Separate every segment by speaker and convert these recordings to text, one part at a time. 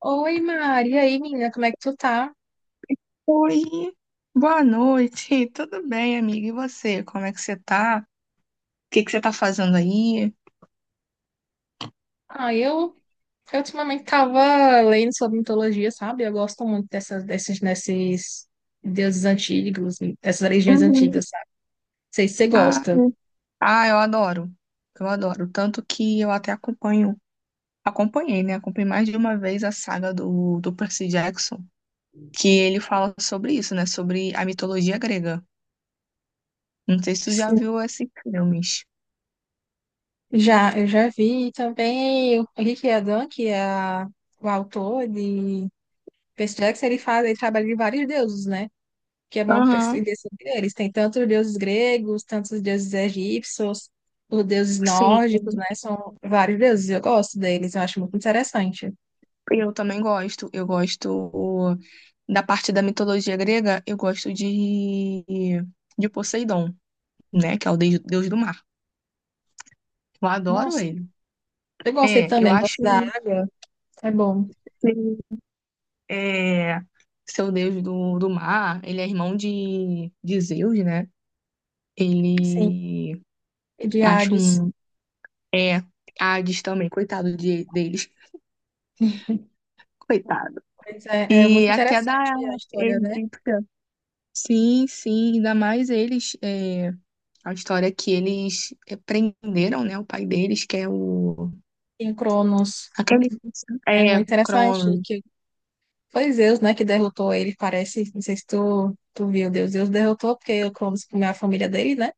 Speaker 1: Oi, Mari. E aí, menina, como é que tu tá?
Speaker 2: Oi, boa noite. Tudo bem, amiga? E você? Como é que você tá? O que que você tá fazendo aí?
Speaker 1: Ah, eu, eu ultimamente tava lendo sobre mitologia, sabe? Eu gosto muito desses deuses antigos, dessas religiões
Speaker 2: Uhum.
Speaker 1: antigas, sabe? Não sei se você
Speaker 2: Ah,
Speaker 1: gosta.
Speaker 2: ah, eu adoro. Eu adoro. Tanto que eu até acompanho, acompanhei, né? Acompanhei mais de uma vez a saga do Percy Jackson, que ele fala sobre isso, né? Sobre a mitologia grega. Não sei se tu já
Speaker 1: Sim.
Speaker 2: viu esses filmes.
Speaker 1: Já, eu já vi também o Henrique Adam, que é o autor de Percy Jackson, ele faz, ele trabalha de vários deuses, né? Que é bom
Speaker 2: Aham,
Speaker 1: perceber sobre eles. Tem tanto os deuses gregos, tanto os deuses egípcios, os deuses nórdicos,
Speaker 2: sim.
Speaker 1: né? São vários deuses, eu gosto deles, eu acho muito interessante.
Speaker 2: Eu também gosto. Eu gosto da parte da mitologia grega, eu gosto de Poseidon, né? Que é o deus do mar. Eu adoro
Speaker 1: Nossa,
Speaker 2: ele.
Speaker 1: eu gostei
Speaker 2: É, eu
Speaker 1: também,
Speaker 2: acho
Speaker 1: gosto da água, é bom.
Speaker 2: que ele é seu deus do mar. Ele é irmão de Zeus, né?
Speaker 1: Sim,
Speaker 2: Ele
Speaker 1: e de
Speaker 2: acho
Speaker 1: Hades.
Speaker 2: um. É, Hades também, coitado de, deles. Coitado.
Speaker 1: Pois é, é
Speaker 2: E
Speaker 1: muito
Speaker 2: até
Speaker 1: interessante
Speaker 2: da
Speaker 1: a história, né?
Speaker 2: egípcia. Sim, sim, ainda mais eles. A história é que eles, é, prenderam, né, o pai deles, que é o...
Speaker 1: Em Cronos,
Speaker 2: Aquele...
Speaker 1: é
Speaker 2: É,
Speaker 1: muito interessante
Speaker 2: Crono.
Speaker 1: que foi Zeus, né, que derrotou ele, parece, não sei se tu viu, Deus, Deus derrotou porque o Cronos comeu a família dele, né?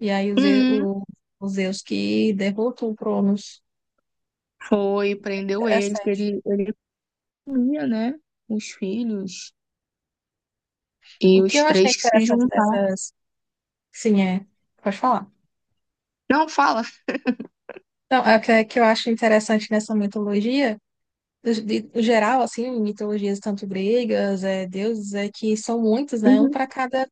Speaker 1: E aí os,
Speaker 2: Uhum.
Speaker 1: os Zeus que derrotam o Cronos.
Speaker 2: Foi, prendeu eles, que
Speaker 1: Interessante.
Speaker 2: ele comia, né, os filhos e
Speaker 1: O que
Speaker 2: os
Speaker 1: eu achei
Speaker 2: três que se
Speaker 1: interessante
Speaker 2: juntaram.
Speaker 1: dessas. Sim, é. Pode falar.
Speaker 2: Não, fala.
Speaker 1: Não, é que eu acho interessante nessa mitologia, no geral, assim, mitologias tanto gregas, é, deuses, é que são muitos, né? Um
Speaker 2: Uhum.
Speaker 1: para cada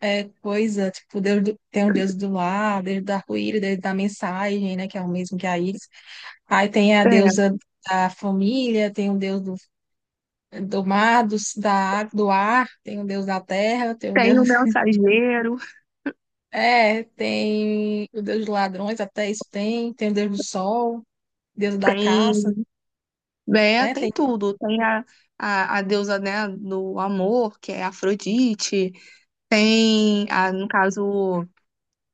Speaker 1: coisa. Tipo, tem o deus do lar, deus do arco-íris, deus da mensagem, né? Que é o mesmo que a Íris. Aí tem a
Speaker 2: É,
Speaker 1: deusa da família, tem o deus do mar, do ar, tem o deus da terra, tem o deus.
Speaker 2: tem o mensageiro,
Speaker 1: É, tem o deus dos ladrões, até isso tem, tem o deus do sol, deus da caça,
Speaker 2: tem... É,
Speaker 1: né?
Speaker 2: tem
Speaker 1: Tem.
Speaker 2: tudo. Tem a deusa, né, do amor, que é Afrodite. Tem, a, no caso,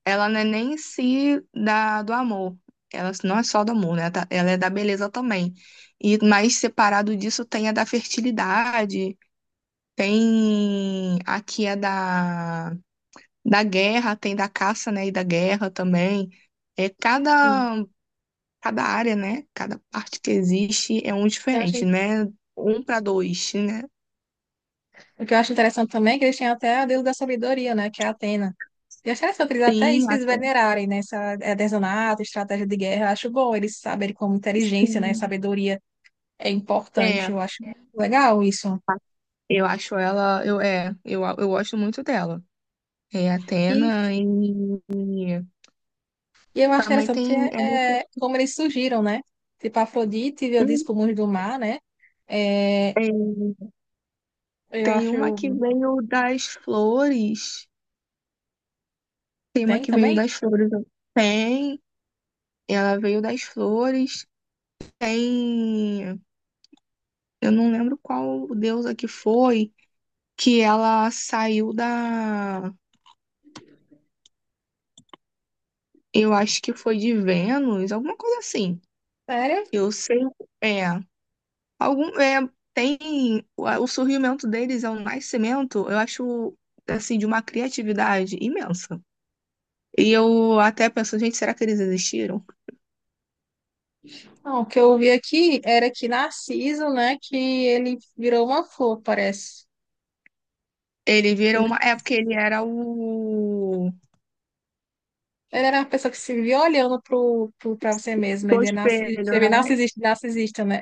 Speaker 2: ela não é nem em si da, do amor. Ela não é só do amor, né? Tá- Ela é da beleza também. E mais separado disso tem a da fertilidade, tem aqui a da, da guerra, tem da caça, né? E da guerra também. É
Speaker 1: O
Speaker 2: cada, cada área, né? Cada parte que existe é um
Speaker 1: que eu
Speaker 2: diferente,
Speaker 1: acho,
Speaker 2: né? Um para dois, né?
Speaker 1: o que eu acho interessante também é que eles têm até o deus da sabedoria, né? Que é Atena. E eu acho interessante eles até
Speaker 2: Sim,
Speaker 1: isso eles
Speaker 2: até
Speaker 1: venerarem, né? Essa artesanato, estratégia de guerra. Eu acho bom eles saberem como inteligência, né?
Speaker 2: sim.
Speaker 1: Sabedoria é
Speaker 2: É,
Speaker 1: importante. Eu acho legal isso.
Speaker 2: eu acho ela, eu, é, eu gosto muito dela. É
Speaker 1: E
Speaker 2: Atena e
Speaker 1: E eu acho
Speaker 2: também
Speaker 1: interessante porque,
Speaker 2: tem, eu não
Speaker 1: é,
Speaker 2: sei-
Speaker 1: como eles surgiram, né? Tipo, Afrodite veio disso pro mundo do mar, né? É,
Speaker 2: é,
Speaker 1: eu
Speaker 2: tem uma que
Speaker 1: acho.
Speaker 2: veio das flores. Tem uma
Speaker 1: Tem
Speaker 2: que veio
Speaker 1: também?
Speaker 2: das flores. Tem, ela veio das flores. Tem, eu não lembro qual deusa que foi, que ela saiu da, eu acho que foi de Vênus, alguma coisa assim.
Speaker 1: Sério?
Speaker 2: Eu sei, é. Algum, é, tem o a- o surgimento deles é um nascimento, eu acho assim de uma criatividade imensa. E eu até penso, gente, será que eles existiram?
Speaker 1: Não, o que eu vi aqui era que Narciso, né? Que ele virou uma flor, parece.
Speaker 2: Ele
Speaker 1: Que,
Speaker 2: virou
Speaker 1: né,
Speaker 2: uma. É porque ele era o.
Speaker 1: ele era uma pessoa que se via olhando pra você mesma.
Speaker 2: Do
Speaker 1: Ele é você
Speaker 2: espelho,
Speaker 1: vê
Speaker 2: né?
Speaker 1: narcisista, narcisista, né?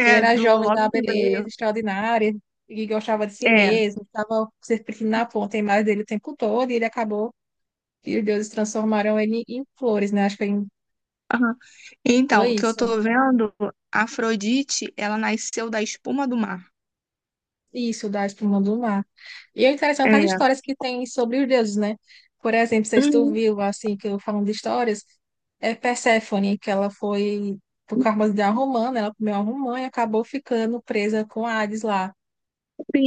Speaker 1: Que ele
Speaker 2: É,
Speaker 1: era
Speaker 2: do
Speaker 1: jovem da
Speaker 2: logo que
Speaker 1: beleza
Speaker 2: veio.
Speaker 1: extraordinária e gostava de si
Speaker 2: É.
Speaker 1: mesmo, estava se sentindo na ponta a imagem dele o tempo todo e ele acabou. E os deuses transformaram ele em flores, né? Acho que ele
Speaker 2: Aham. Então,
Speaker 1: foi
Speaker 2: o que eu
Speaker 1: isso.
Speaker 2: tô vendo, Afrodite, ela nasceu da espuma do mar.
Speaker 1: Isso, da espuma do mar. E é interessante as
Speaker 2: É.
Speaker 1: histórias que tem sobre os deuses, né? Por exemplo, se tu
Speaker 2: Uhum.
Speaker 1: viu, assim, que eu falando de histórias, é Perséfone, que ela foi por causa de uma romã, né? Ela comeu uma romã e acabou ficando presa com Hades lá.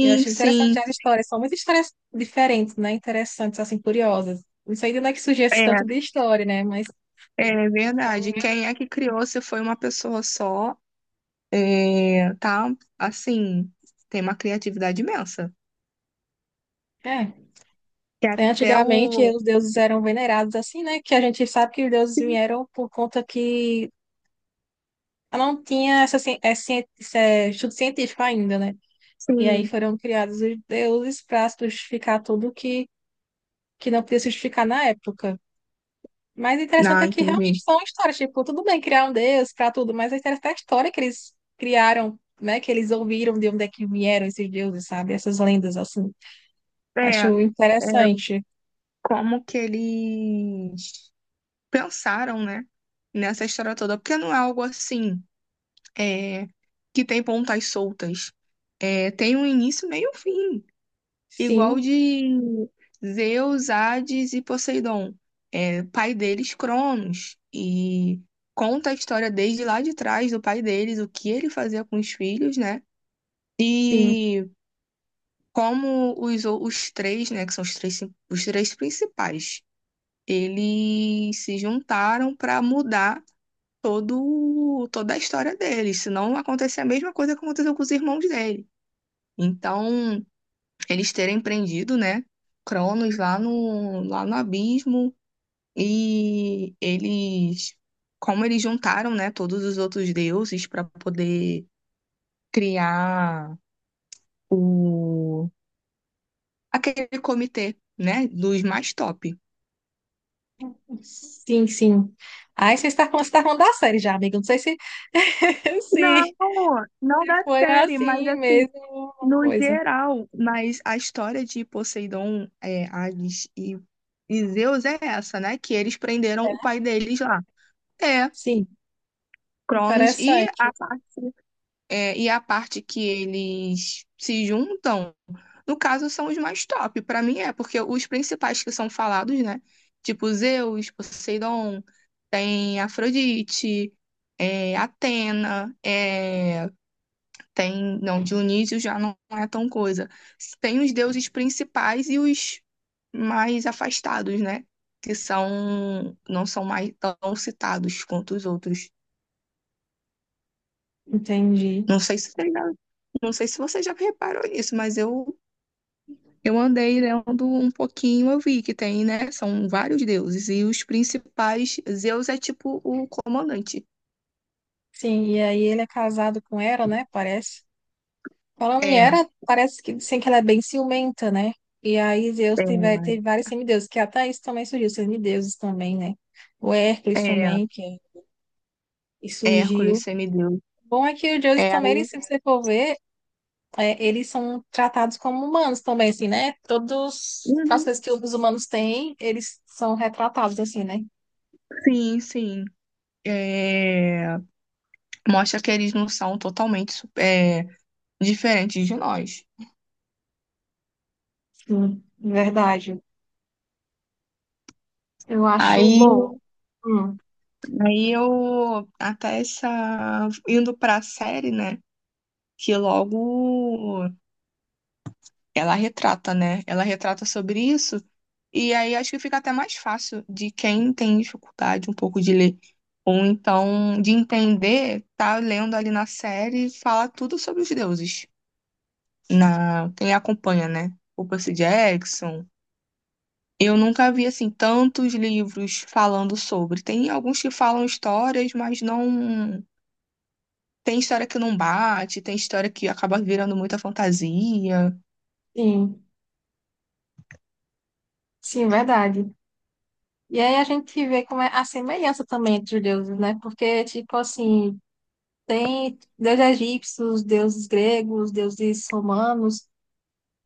Speaker 1: Eu achei interessante
Speaker 2: sim.
Speaker 1: as histórias. São muitas histórias diferentes, né? Interessantes, assim, curiosas. Não sei de onde é que surgiu esse
Speaker 2: É,
Speaker 1: tanto de história, né? Mas,
Speaker 2: é verdade. Quem é que criou? Se foi uma pessoa só? É, tá, assim, tem uma criatividade imensa.
Speaker 1: é.
Speaker 2: Que
Speaker 1: É,
Speaker 2: até
Speaker 1: antigamente,
Speaker 2: o.
Speaker 1: os deuses eram venerados assim, né? Que a gente sabe que os deuses vieram por conta que não tinha essa, esse é, estudo científico ainda, né? E aí
Speaker 2: Sim.
Speaker 1: foram criados os deuses para justificar tudo que não podia se justificar na época. Mas o interessante
Speaker 2: Não,
Speaker 1: é que
Speaker 2: entendi.
Speaker 1: realmente são histórias. Tipo, tudo bem criar um deus para tudo, mas o interessante é a história que eles criaram, né? Que eles ouviram de onde é que vieram esses deuses, sabe? Essas lendas, assim.
Speaker 2: É,
Speaker 1: Acho interessante.
Speaker 2: como que eles pensaram, né, nessa história toda, porque não é algo assim, é, que tem pontas soltas. É, tem um início, meio e um fim. Igual
Speaker 1: Sim.
Speaker 2: de Zeus, Hades e Poseidon. É, pai deles, Cronos. E conta a história desde lá de trás do pai deles, o que ele fazia com os filhos, né?
Speaker 1: Sim.
Speaker 2: E como os três, né, que são os três principais, eles se juntaram para mudar toda a história deles, senão acontecia a mesma coisa que aconteceu com os irmãos dele. Então, eles terem prendido, né, Cronos lá lá no abismo e eles, como eles juntaram, né, todos os outros deuses para poder criar o aquele comitê, né, dos mais top.
Speaker 1: Sim, sim. Aí você está falando da série já, amiga. Não sei se, se,
Speaker 2: Não, não
Speaker 1: se
Speaker 2: da
Speaker 1: foi
Speaker 2: série, mas
Speaker 1: assim
Speaker 2: assim,
Speaker 1: mesmo uma
Speaker 2: no
Speaker 1: coisa.
Speaker 2: geral, mas a história de Poseidon, é, Hades e Zeus é essa, né? Que eles prenderam o pai deles lá. É,
Speaker 1: Sim,
Speaker 2: Cronos e a
Speaker 1: interessante.
Speaker 2: parte. É, e a parte que eles se juntam, no caso, são os mais top. Pra mim é, porque os principais que são falados, né? Tipo Zeus, Poseidon, tem Afrodite, é, Atena, é, tem. Não, Dionísio já não é tão coisa. Tem os deuses principais e os mais afastados, né? Que são, não são mais tão citados quanto os outros.
Speaker 1: Entendi.
Speaker 2: Não sei se você já, não sei se você já reparou nisso, mas eu andei lendo um pouquinho, eu vi que tem, né? São vários deuses, e os principais, Zeus é tipo o comandante.
Speaker 1: Sim, e aí ele é casado com Hera, né? Parece. Falando em
Speaker 2: É,
Speaker 1: Hera, parece que dizem que ela é bem ciumenta, né? E aí Zeus
Speaker 2: é,
Speaker 1: teve vários semideuses, que até isso também surgiu, semideuses também, né? O Hércules
Speaker 2: é,
Speaker 1: também, que e
Speaker 2: Hércules,
Speaker 1: surgiu.
Speaker 2: semideus.
Speaker 1: Bom é que o Zeus
Speaker 2: É,
Speaker 1: também, se você for ver, é, eles são tratados como humanos também, assim, né? Todas as
Speaker 2: uhum.
Speaker 1: coisas que os humanos têm, eles são retratados, assim, né?
Speaker 2: Sim, sim. É, mostra que eles não são totalmente su- é, diferentes de nós.
Speaker 1: Sim, verdade. Eu acho
Speaker 2: Aí,
Speaker 1: bom. Hum.
Speaker 2: aí eu, até essa, indo pra série, né? Que logo ela retrata, né? Ela retrata sobre isso, e aí acho que fica até mais fácil de quem tem dificuldade um pouco de ler, ou então de entender, tá lendo ali na série, fala tudo sobre os deuses, na quem acompanha, né? O Percy Jackson. Eu nunca vi assim tantos livros falando sobre. Tem alguns que falam histórias, mas não tem história que não bate, tem história que acaba virando muita fantasia.
Speaker 1: Sim, sim, verdade. E aí a gente vê como é a semelhança também entre os deuses, né? Porque, tipo assim, tem deuses egípcios, deuses gregos, deuses romanos,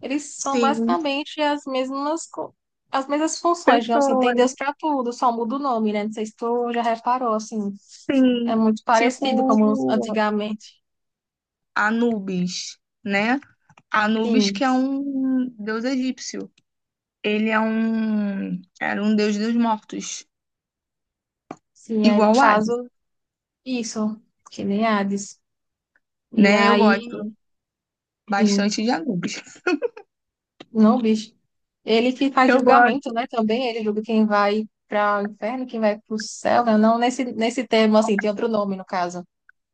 Speaker 1: eles são
Speaker 2: Sim,
Speaker 1: basicamente as mesmas funções, digamos assim, tem
Speaker 2: pessoas.
Speaker 1: Deus para tudo, só muda o nome, né? Não sei se tu já reparou, assim,
Speaker 2: Sim,
Speaker 1: é muito
Speaker 2: tipo
Speaker 1: parecido como antigamente.
Speaker 2: Anubis, né? Anubis
Speaker 1: Sim,
Speaker 2: que é um deus egípcio. Ele é um Era um deus dos mortos,
Speaker 1: sim, aí no
Speaker 2: igual Hades,
Speaker 1: caso, isso, que nem Hades. E
Speaker 2: né? Eu
Speaker 1: aí,
Speaker 2: gosto
Speaker 1: sim,
Speaker 2: bastante de Anubis.
Speaker 1: não, bicho. Ele que faz
Speaker 2: Eu
Speaker 1: julgamento,
Speaker 2: gosto.
Speaker 1: né? Também ele julga quem vai para o inferno, quem vai para o céu, né? Não nesse termo, assim, tem outro nome no caso.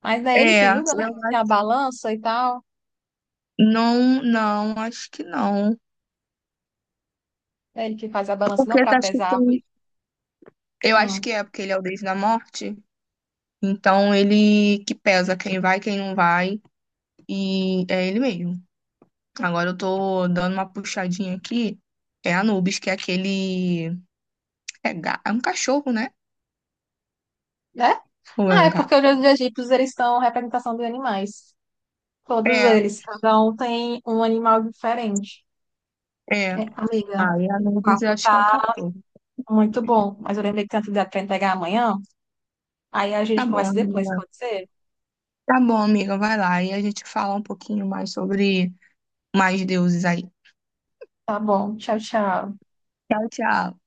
Speaker 1: Mas é ele
Speaker 2: É,
Speaker 1: que julga, né?
Speaker 2: eu
Speaker 1: Tem
Speaker 2: acho.
Speaker 1: a balança e tal.
Speaker 2: Não, não, acho que não.
Speaker 1: É ele que faz a balança não
Speaker 2: Porque
Speaker 1: para
Speaker 2: tá, acho que
Speaker 1: pesar, árvores.
Speaker 2: tem. Eu acho que
Speaker 1: Hum,
Speaker 2: é porque ele é o deus da morte. Então ele que pesa quem vai, quem não vai e é ele mesmo. Agora eu tô dando uma puxadinha aqui. É Anubis, que é aquele. É, ga- é um cachorro, né?
Speaker 1: né?
Speaker 2: Ou é
Speaker 1: Ah,
Speaker 2: um
Speaker 1: é porque
Speaker 2: gato?
Speaker 1: os egípcios eles são representação dos animais. Todos
Speaker 2: É,
Speaker 1: eles, cada um tem um animal diferente.
Speaker 2: é.
Speaker 1: É, amiga,
Speaker 2: Aí
Speaker 1: o
Speaker 2: Anubis eu
Speaker 1: papo
Speaker 2: acho que
Speaker 1: tá
Speaker 2: é um cachorro.
Speaker 1: muito bom, mas eu lembrei que tem atividade para entregar amanhã. Aí a gente
Speaker 2: Tá bom,
Speaker 1: conversa depois,
Speaker 2: amiga.
Speaker 1: pode ser?
Speaker 2: Tá bom, amiga. Vai lá. E a gente fala um pouquinho mais sobre mais deuses aí.
Speaker 1: Tá bom, tchau, tchau.
Speaker 2: Tchau, tchau.